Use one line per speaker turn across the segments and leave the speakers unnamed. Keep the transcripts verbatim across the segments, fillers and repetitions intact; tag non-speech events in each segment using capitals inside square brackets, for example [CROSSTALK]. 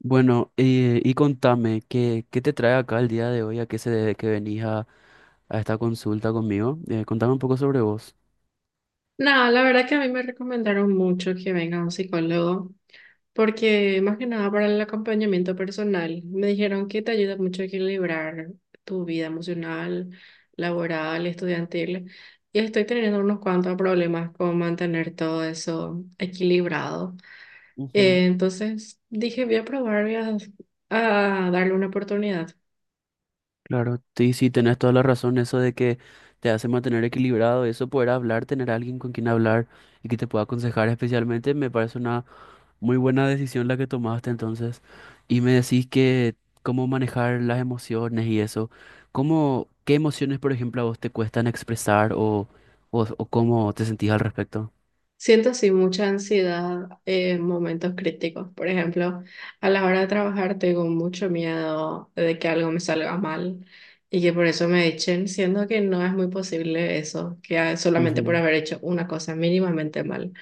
Bueno, eh, y contame, ¿qué, qué te trae acá el día de hoy? ¿A qué se debe que venís a, a esta consulta conmigo? Eh, contame un poco sobre vos.
No, la verdad que a mí me recomendaron mucho que venga un psicólogo, porque más que nada para el acompañamiento personal, me dijeron que te ayuda mucho a equilibrar tu vida emocional, laboral, estudiantil, y estoy teniendo unos cuantos problemas con mantener todo eso equilibrado.
Ujú.
Eh, entonces dije, voy a probar, voy a, a darle una oportunidad.
Claro, sí, sí, tenés toda la razón, eso de que te hace mantener equilibrado, eso poder hablar, tener a alguien con quien hablar y que te pueda aconsejar especialmente, me parece una muy buena decisión la que tomaste entonces. Y me decís que cómo manejar las emociones y eso, ¿cómo, qué emociones, por ejemplo, a vos te cuestan expresar o, o, o cómo te sentís al respecto?
Siento así mucha ansiedad en momentos críticos. Por ejemplo, a la hora de trabajar tengo mucho miedo de que algo me salga mal y que por eso me echen, siendo que no es muy posible eso, que a- solamente por
Ujú,
haber hecho una cosa mínimamente mal.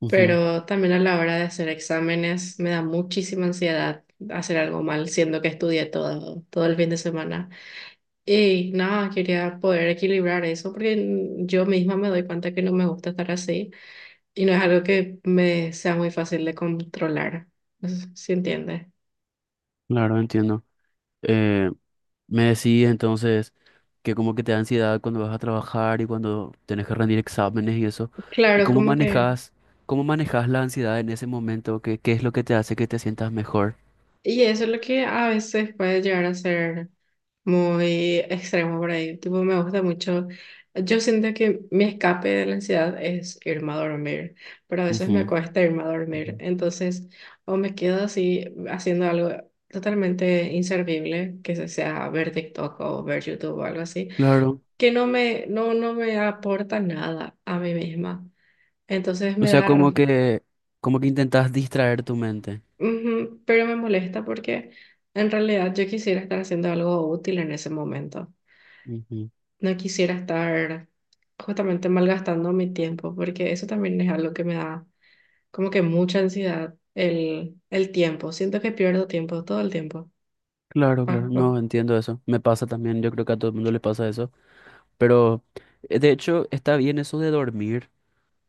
ujú.
Pero también a la hora de hacer exámenes me da muchísima ansiedad hacer algo mal, siendo que estudié todo, todo el fin de semana. Y nada, quería poder equilibrar eso porque yo misma me doy cuenta que no me gusta estar así. Y no es algo que me sea muy fácil de controlar, no sé si entiende.
Claro, entiendo. Eh, Me decís entonces que como que te da ansiedad cuando vas a trabajar y cuando tenés que rendir exámenes y eso. ¿Y
Claro,
cómo
como que...
manejas, cómo manejas la ansiedad en ese momento? ¿Qué, qué es lo que te hace que te sientas mejor?
Y eso es lo que a veces puede llegar a ser muy extremo por ahí. Tipo, me gusta mucho. Yo siento que mi escape de la ansiedad es irme a dormir, pero a veces me
Ujú,
cuesta irme a
ujú.
dormir. Entonces, o me quedo así haciendo algo totalmente inservible, que se- sea ver TikTok o ver YouTube o algo así,
Claro.
que no me, no, no me aporta nada a mí misma. Entonces
O
me
sea,
da,
como
r-
que, como que intentas distraer tu mente.
ujú, pero me molesta porque en realidad yo quisiera estar haciendo algo útil en ese momento.
Ujú.
No quisiera estar justamente malgastando mi tiempo porque eso también es algo que me da como que mucha ansiedad, el, el tiempo. Siento que pierdo tiempo todo el tiempo.
Claro, claro,
Ah, ah.
no entiendo eso. Me pasa también, yo creo que a todo el mundo le pasa eso. Pero eh, de hecho está bien eso de dormir.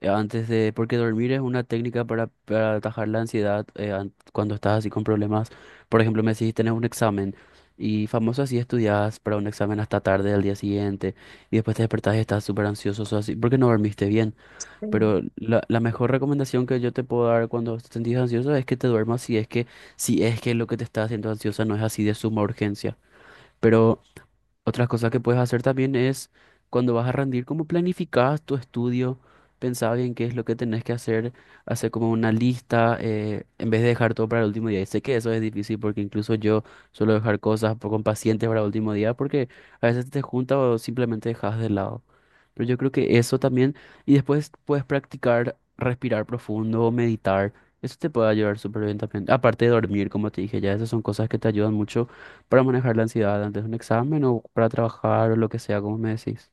eh, Antes de, porque dormir es una técnica para, para atajar la ansiedad eh, an- cuando estás así con problemas. Por ejemplo, me decís, tenés un examen y famoso así estudias para un examen hasta tarde del día siguiente y después te despertás y estás súper ansioso, sos así, porque no dormiste bien.
Sí.
Pero la, la mejor recomendación que yo te puedo dar cuando te sentís ansioso es que te duermas si es que, si es que lo que te está haciendo ansiosa no es así de suma urgencia. Pero otra cosa que puedes hacer también es cuando vas a rendir, como planificas tu estudio, pensá bien qué es lo que tenés que hacer, hacer como una lista, eh, en vez de dejar todo para el último día. Y sé que eso es difícil porque incluso yo suelo dejar cosas po- con pacientes para el último día porque a veces te juntas o simplemente dejas de lado. Pero yo creo que eso también, y después puedes practicar respirar profundo o meditar. Eso te puede ayudar súper bien también. Aparte de dormir, como te dije ya, esas son cosas que te ayudan mucho para manejar la ansiedad antes de un examen o para trabajar o lo que sea, como me decís.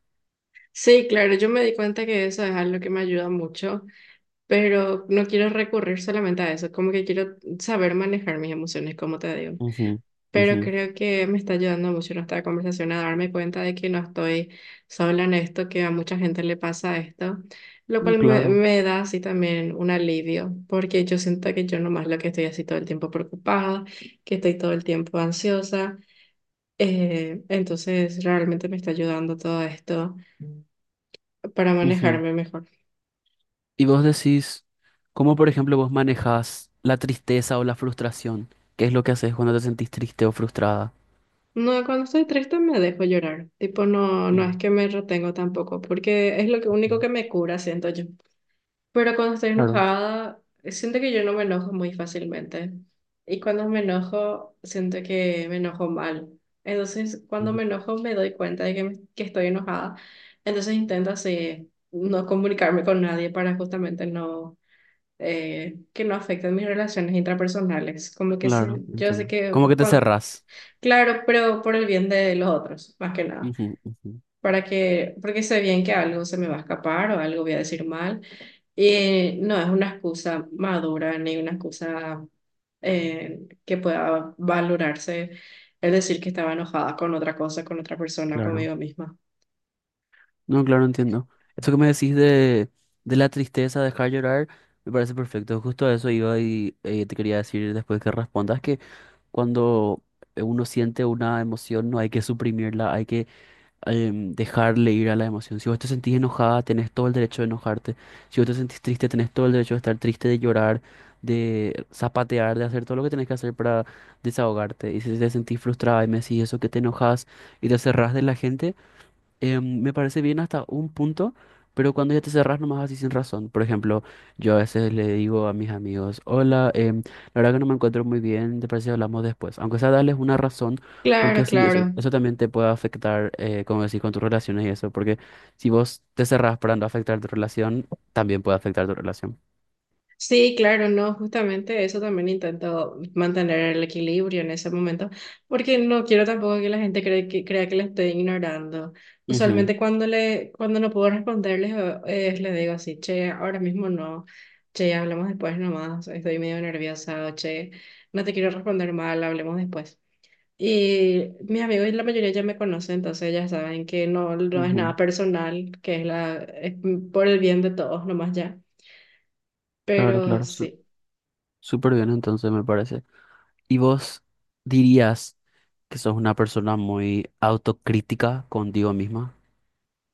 Sí, claro, yo me di cuenta que eso es algo que me ayuda mucho, pero no quiero recurrir solamente a eso, como que quiero saber manejar mis emociones, como te digo.
Ujú, ujú.
Pero creo que me está ayudando mucho nuestra conversación a darme cuenta de que no estoy sola en esto, que a mucha gente le pasa esto, lo
Mm,
cual me,
Claro.
me da así también un alivio, porque yo siento que yo nomás lo que estoy así todo el tiempo preocupada, que estoy todo el tiempo ansiosa, eh, entonces realmente me está ayudando todo esto para
Ujú.
manejarme mejor.
Y vos decís, ¿cómo por ejemplo vos manejás la tristeza o la frustración? ¿Qué es lo que haces cuando te sentís triste o frustrada?
No, cuando estoy triste me dejo llorar, tipo no, no
Ujú,
es que me retengo tampoco, porque es lo que, único que me cura, siento yo. Pero cuando estoy
claro,
enojada, siento que yo no me enojo muy fácilmente. Y cuando me enojo, siento que me enojo mal. Entonces, cuando
ujú,
me enojo, me doy cuenta de que, me- que estoy enojada. Entonces, intento así, no comunicarme con nadie para justamente no, eh, que no afecten mis relaciones intrapersonales. Como que sí,
claro,
yo sé
entiendo.
que,
¿Cómo que te
cuan-
cerrás?
Claro, pero por el bien de los otros, más que nada
Ujú, ujú,
para que, porque sé bien que algo se me va a escapar o algo voy a decir mal. Y no es una excusa madura ni una excusa eh, que pueda valorarse el decir que estaba enojada con otra cosa, con otra persona,
claro.
conmigo misma.
No, claro, entiendo. Eso que me decís de, de la tristeza, dejar llorar, me parece perfecto. Justo a eso iba y eh, te quería decir después que respondas que cuando eh, uno siente una emoción, no hay que suprimirla, hay que em, dejarle ir a la emoción. Si vos te sentís enojada, tenés todo el derecho de enojarte. Si vos te sentís triste, tenés todo el derecho de estar triste, de llorar, de zapatear, de hacer todo lo que tenés que hacer para desahogarte. Y si te sentís frustrada y me decís eso, que te enojas y te cerrás de la gente, em, me parece bien hasta un punto, pero cuando ya te cerrás nomás así sin razón. Por ejemplo, yo a veces le digo a mis amigos, hola, em, la verdad que no me encuentro muy bien, ¿te parece si hablamos después? Aunque sea darles una razón, porque
Claro,
así eso,
claro.
eso también te puede afectar, eh, como decís, con tus relaciones y eso, porque si vos te cerrás para no afectar tu relación, también puede afectar tu relación.
Sí, claro, no, justamente eso también intento mantener el equilibrio en ese momento, porque no quiero tampoco que la gente cree que, crea que le estoy ignorando.
Ujú,
Usualmente cuando le, cuando no puedo responderles, eh, les digo así, che, ahora mismo no, che, hablamos después nomás, estoy medio nerviosa, o che, no te quiero responder mal, hablemos después. Y mis amigos, la mayoría ya me conocen, entonces ya saben que no, no es
ujú.
nada personal, que es la, es por el bien de todos nomás ya.
Claro,
Pero
claro, su-
sí.
súper bien entonces me parece. ¿Y vos dirías que sos una persona muy autocrítica contigo misma?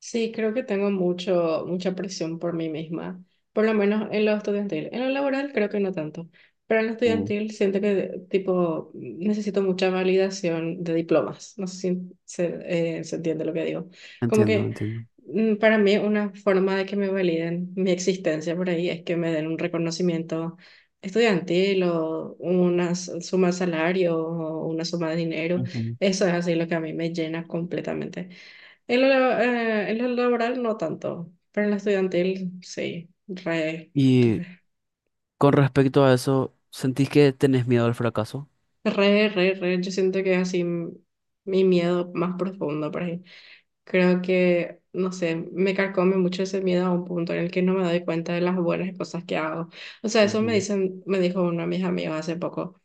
Sí, creo que tengo mucho, mucha presión por mí misma, por lo menos en lo estudiantil. En lo laboral creo que no tanto, pero en lo
Mm,
estudiantil siento que tipo necesito mucha validación de diplomas. No sé si se, eh, se entiende lo que digo. Como
entiendo,
que
entiendo.
mm, para mí una forma de que me validen mi existencia por ahí es que me den un reconocimiento estudiantil o una s- suma de salario o una suma de dinero.
Ujú.
Eso es así lo que a mí me llena completamente. En lo, la- eh, en lo laboral no tanto, pero en lo estudiantil sí, re,
Y
re,
con respecto a eso, ¿sentís que tenés miedo al fracaso?
re, re, re. Yo siento que es así m- mi miedo más profundo por ahí. Creo que, no sé, me carcome mucho ese miedo a un punto en el que no me doy cuenta de las buenas cosas que hago. O sea, eso me
Ujú.
dicen, me dijo uno de mis amigos hace poco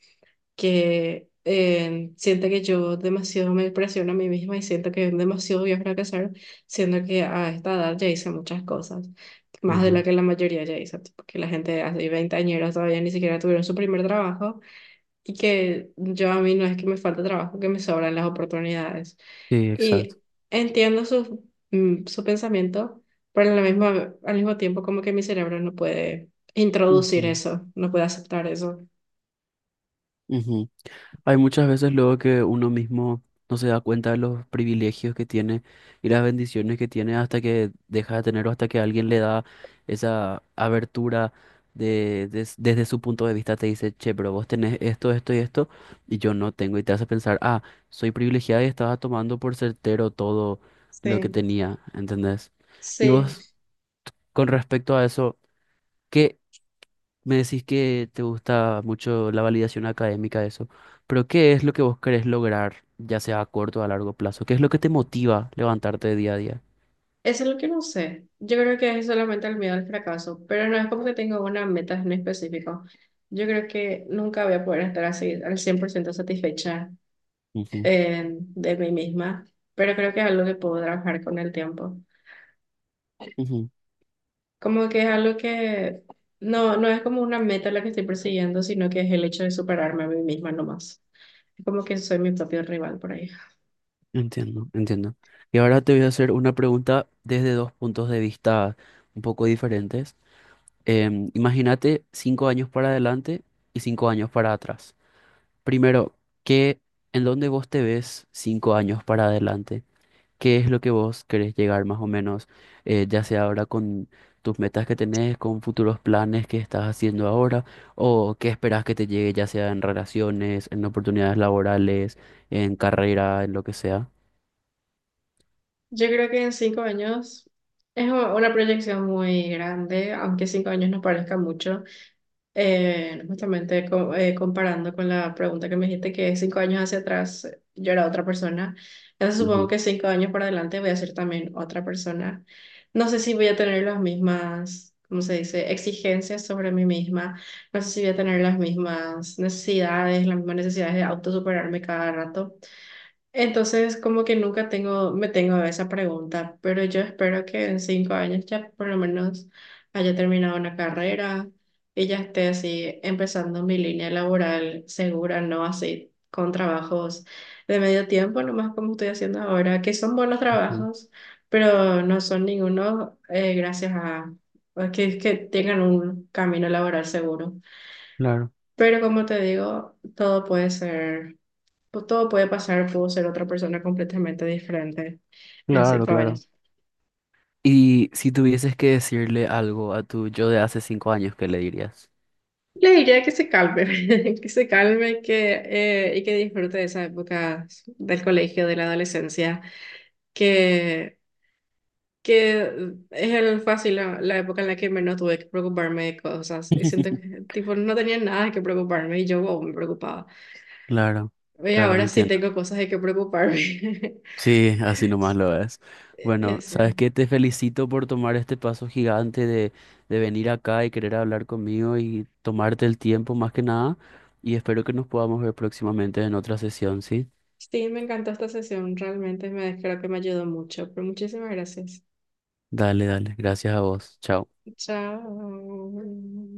que eh, siento que yo demasiado me presiono a mí misma y siento que demasiado voy a fracasar, siendo que a esta edad ya hice muchas cosas, más de
Ajá.
lo que la mayoría ya hizo, tipo, que la gente hace veinte años todavía ni siquiera tuvieron su primer trabajo y que yo a mí no es que me falte trabajo, que me sobran las oportunidades.
Sí, exacto.
Y entiendo su, mm, su pensamiento, pero a la misma, al mismo tiempo como que mi cerebro no puede introducir
Ujú,
eso, no puede aceptar eso.
ujú. Hay muchas veces luego que uno mismo no se da cuenta de los privilegios que tiene y las bendiciones que tiene hasta que deja de tener o hasta que alguien le da esa abertura de, des- desde su punto de vista te dice, che, pero vos tenés esto, esto y esto y yo no tengo y te hace pensar, ah, soy privilegiada y estaba tomando por certero todo lo que
Sí,
tenía, ¿entendés? Y
sí.
vos, con respecto a eso, ¿qué? Me decís que te gusta mucho la validación académica, eso, pero ¿qué es lo que vos querés lograr, ya sea a corto o a largo plazo? ¿Qué es lo que te motiva levantarte día a día?
Eso es lo que no sé. Yo creo que es solamente el miedo al fracaso, pero no es como que tenga una meta en específico. Yo creo que nunca voy a poder estar así al cien por ciento satisfecha
Ujú,
eh, de mí misma, pero creo que es algo que puedo trabajar con el tiempo.
ujú.
Como que es algo que no, no es como una meta la que estoy persiguiendo, sino que es el hecho de superarme a mí misma nomás. Es como que soy mi propio rival por ahí.
Entiendo, entiendo. Y ahora te voy a hacer una pregunta desde dos puntos de vista un poco diferentes. Em, imagínate cinco años para adelante y cinco años para atrás. Primero, ¿qué, en dónde vos te ves cinco años para adelante? Qué es lo que vos querés llegar más o menos, eh, ya sea ahora con tus metas que tenés, con futuros planes que estás haciendo ahora, o qué esperás que te llegue, ya sea en relaciones, en oportunidades laborales, en carrera, en lo que sea.
Yo creo que en cinco años es u- una proyección muy grande, aunque cinco años no parezca mucho. Eh, justamente co- eh, comparando con la pregunta que me dijiste que cinco años hacia atrás eh, yo era otra persona, entonces supongo
Ujú,
que cinco años para adelante voy a ser también otra persona. No sé si voy a tener las mismas, ¿cómo se dice?, exigencias sobre mí misma, no sé si voy a tener las mismas necesidades, las mismas necesidades de autosuperarme cada rato. Entonces, como que nunca tengo, me tengo a esa pregunta, pero yo espero que en cinco años ya por lo menos haya terminado una carrera y ya esté así empezando mi línea laboral segura, no así con trabajos de medio tiempo, nomás como estoy haciendo ahora, que son buenos
ujú.
trabajos, pero no son ninguno eh, gracias a a que, que tengan un camino laboral seguro.
Claro,
Pero como te digo, todo puede ser pues, todo puede pasar, puedo ser otra persona completamente diferente en
claro,
cinco
claro.
años.
Y si tuvieses que decirle algo a tu yo de hace cinco años, ¿qué le dirías?
Le diría que se calme, [LAUGHS] que se calme que, eh, y que disfrute de esa época del colegio, de la adolescencia, que, que es el fácil la, la época en la que menos tuve que preocuparme de cosas. Y siento que
[LAUGHS]
tipo, no tenía nada que preocuparme y yo wow, me preocupaba.
Claro,
Y
claro,
ahora sí
entiendo.
tengo cosas de que preocuparme. [LAUGHS]
Sí, así nomás lo es.
Y
Bueno,
así.
¿sabes qué? Te felicito por tomar este paso gigante de, de venir acá y querer hablar conmigo y tomarte el tiempo más que nada. Y espero que nos podamos ver próximamente en otra sesión, ¿sí?
Sí, me encantó esta sesión, realmente me creo que me ayudó mucho, pero muchísimas gracias.
Dale, dale. Gracias a vos. Chao.
Chao.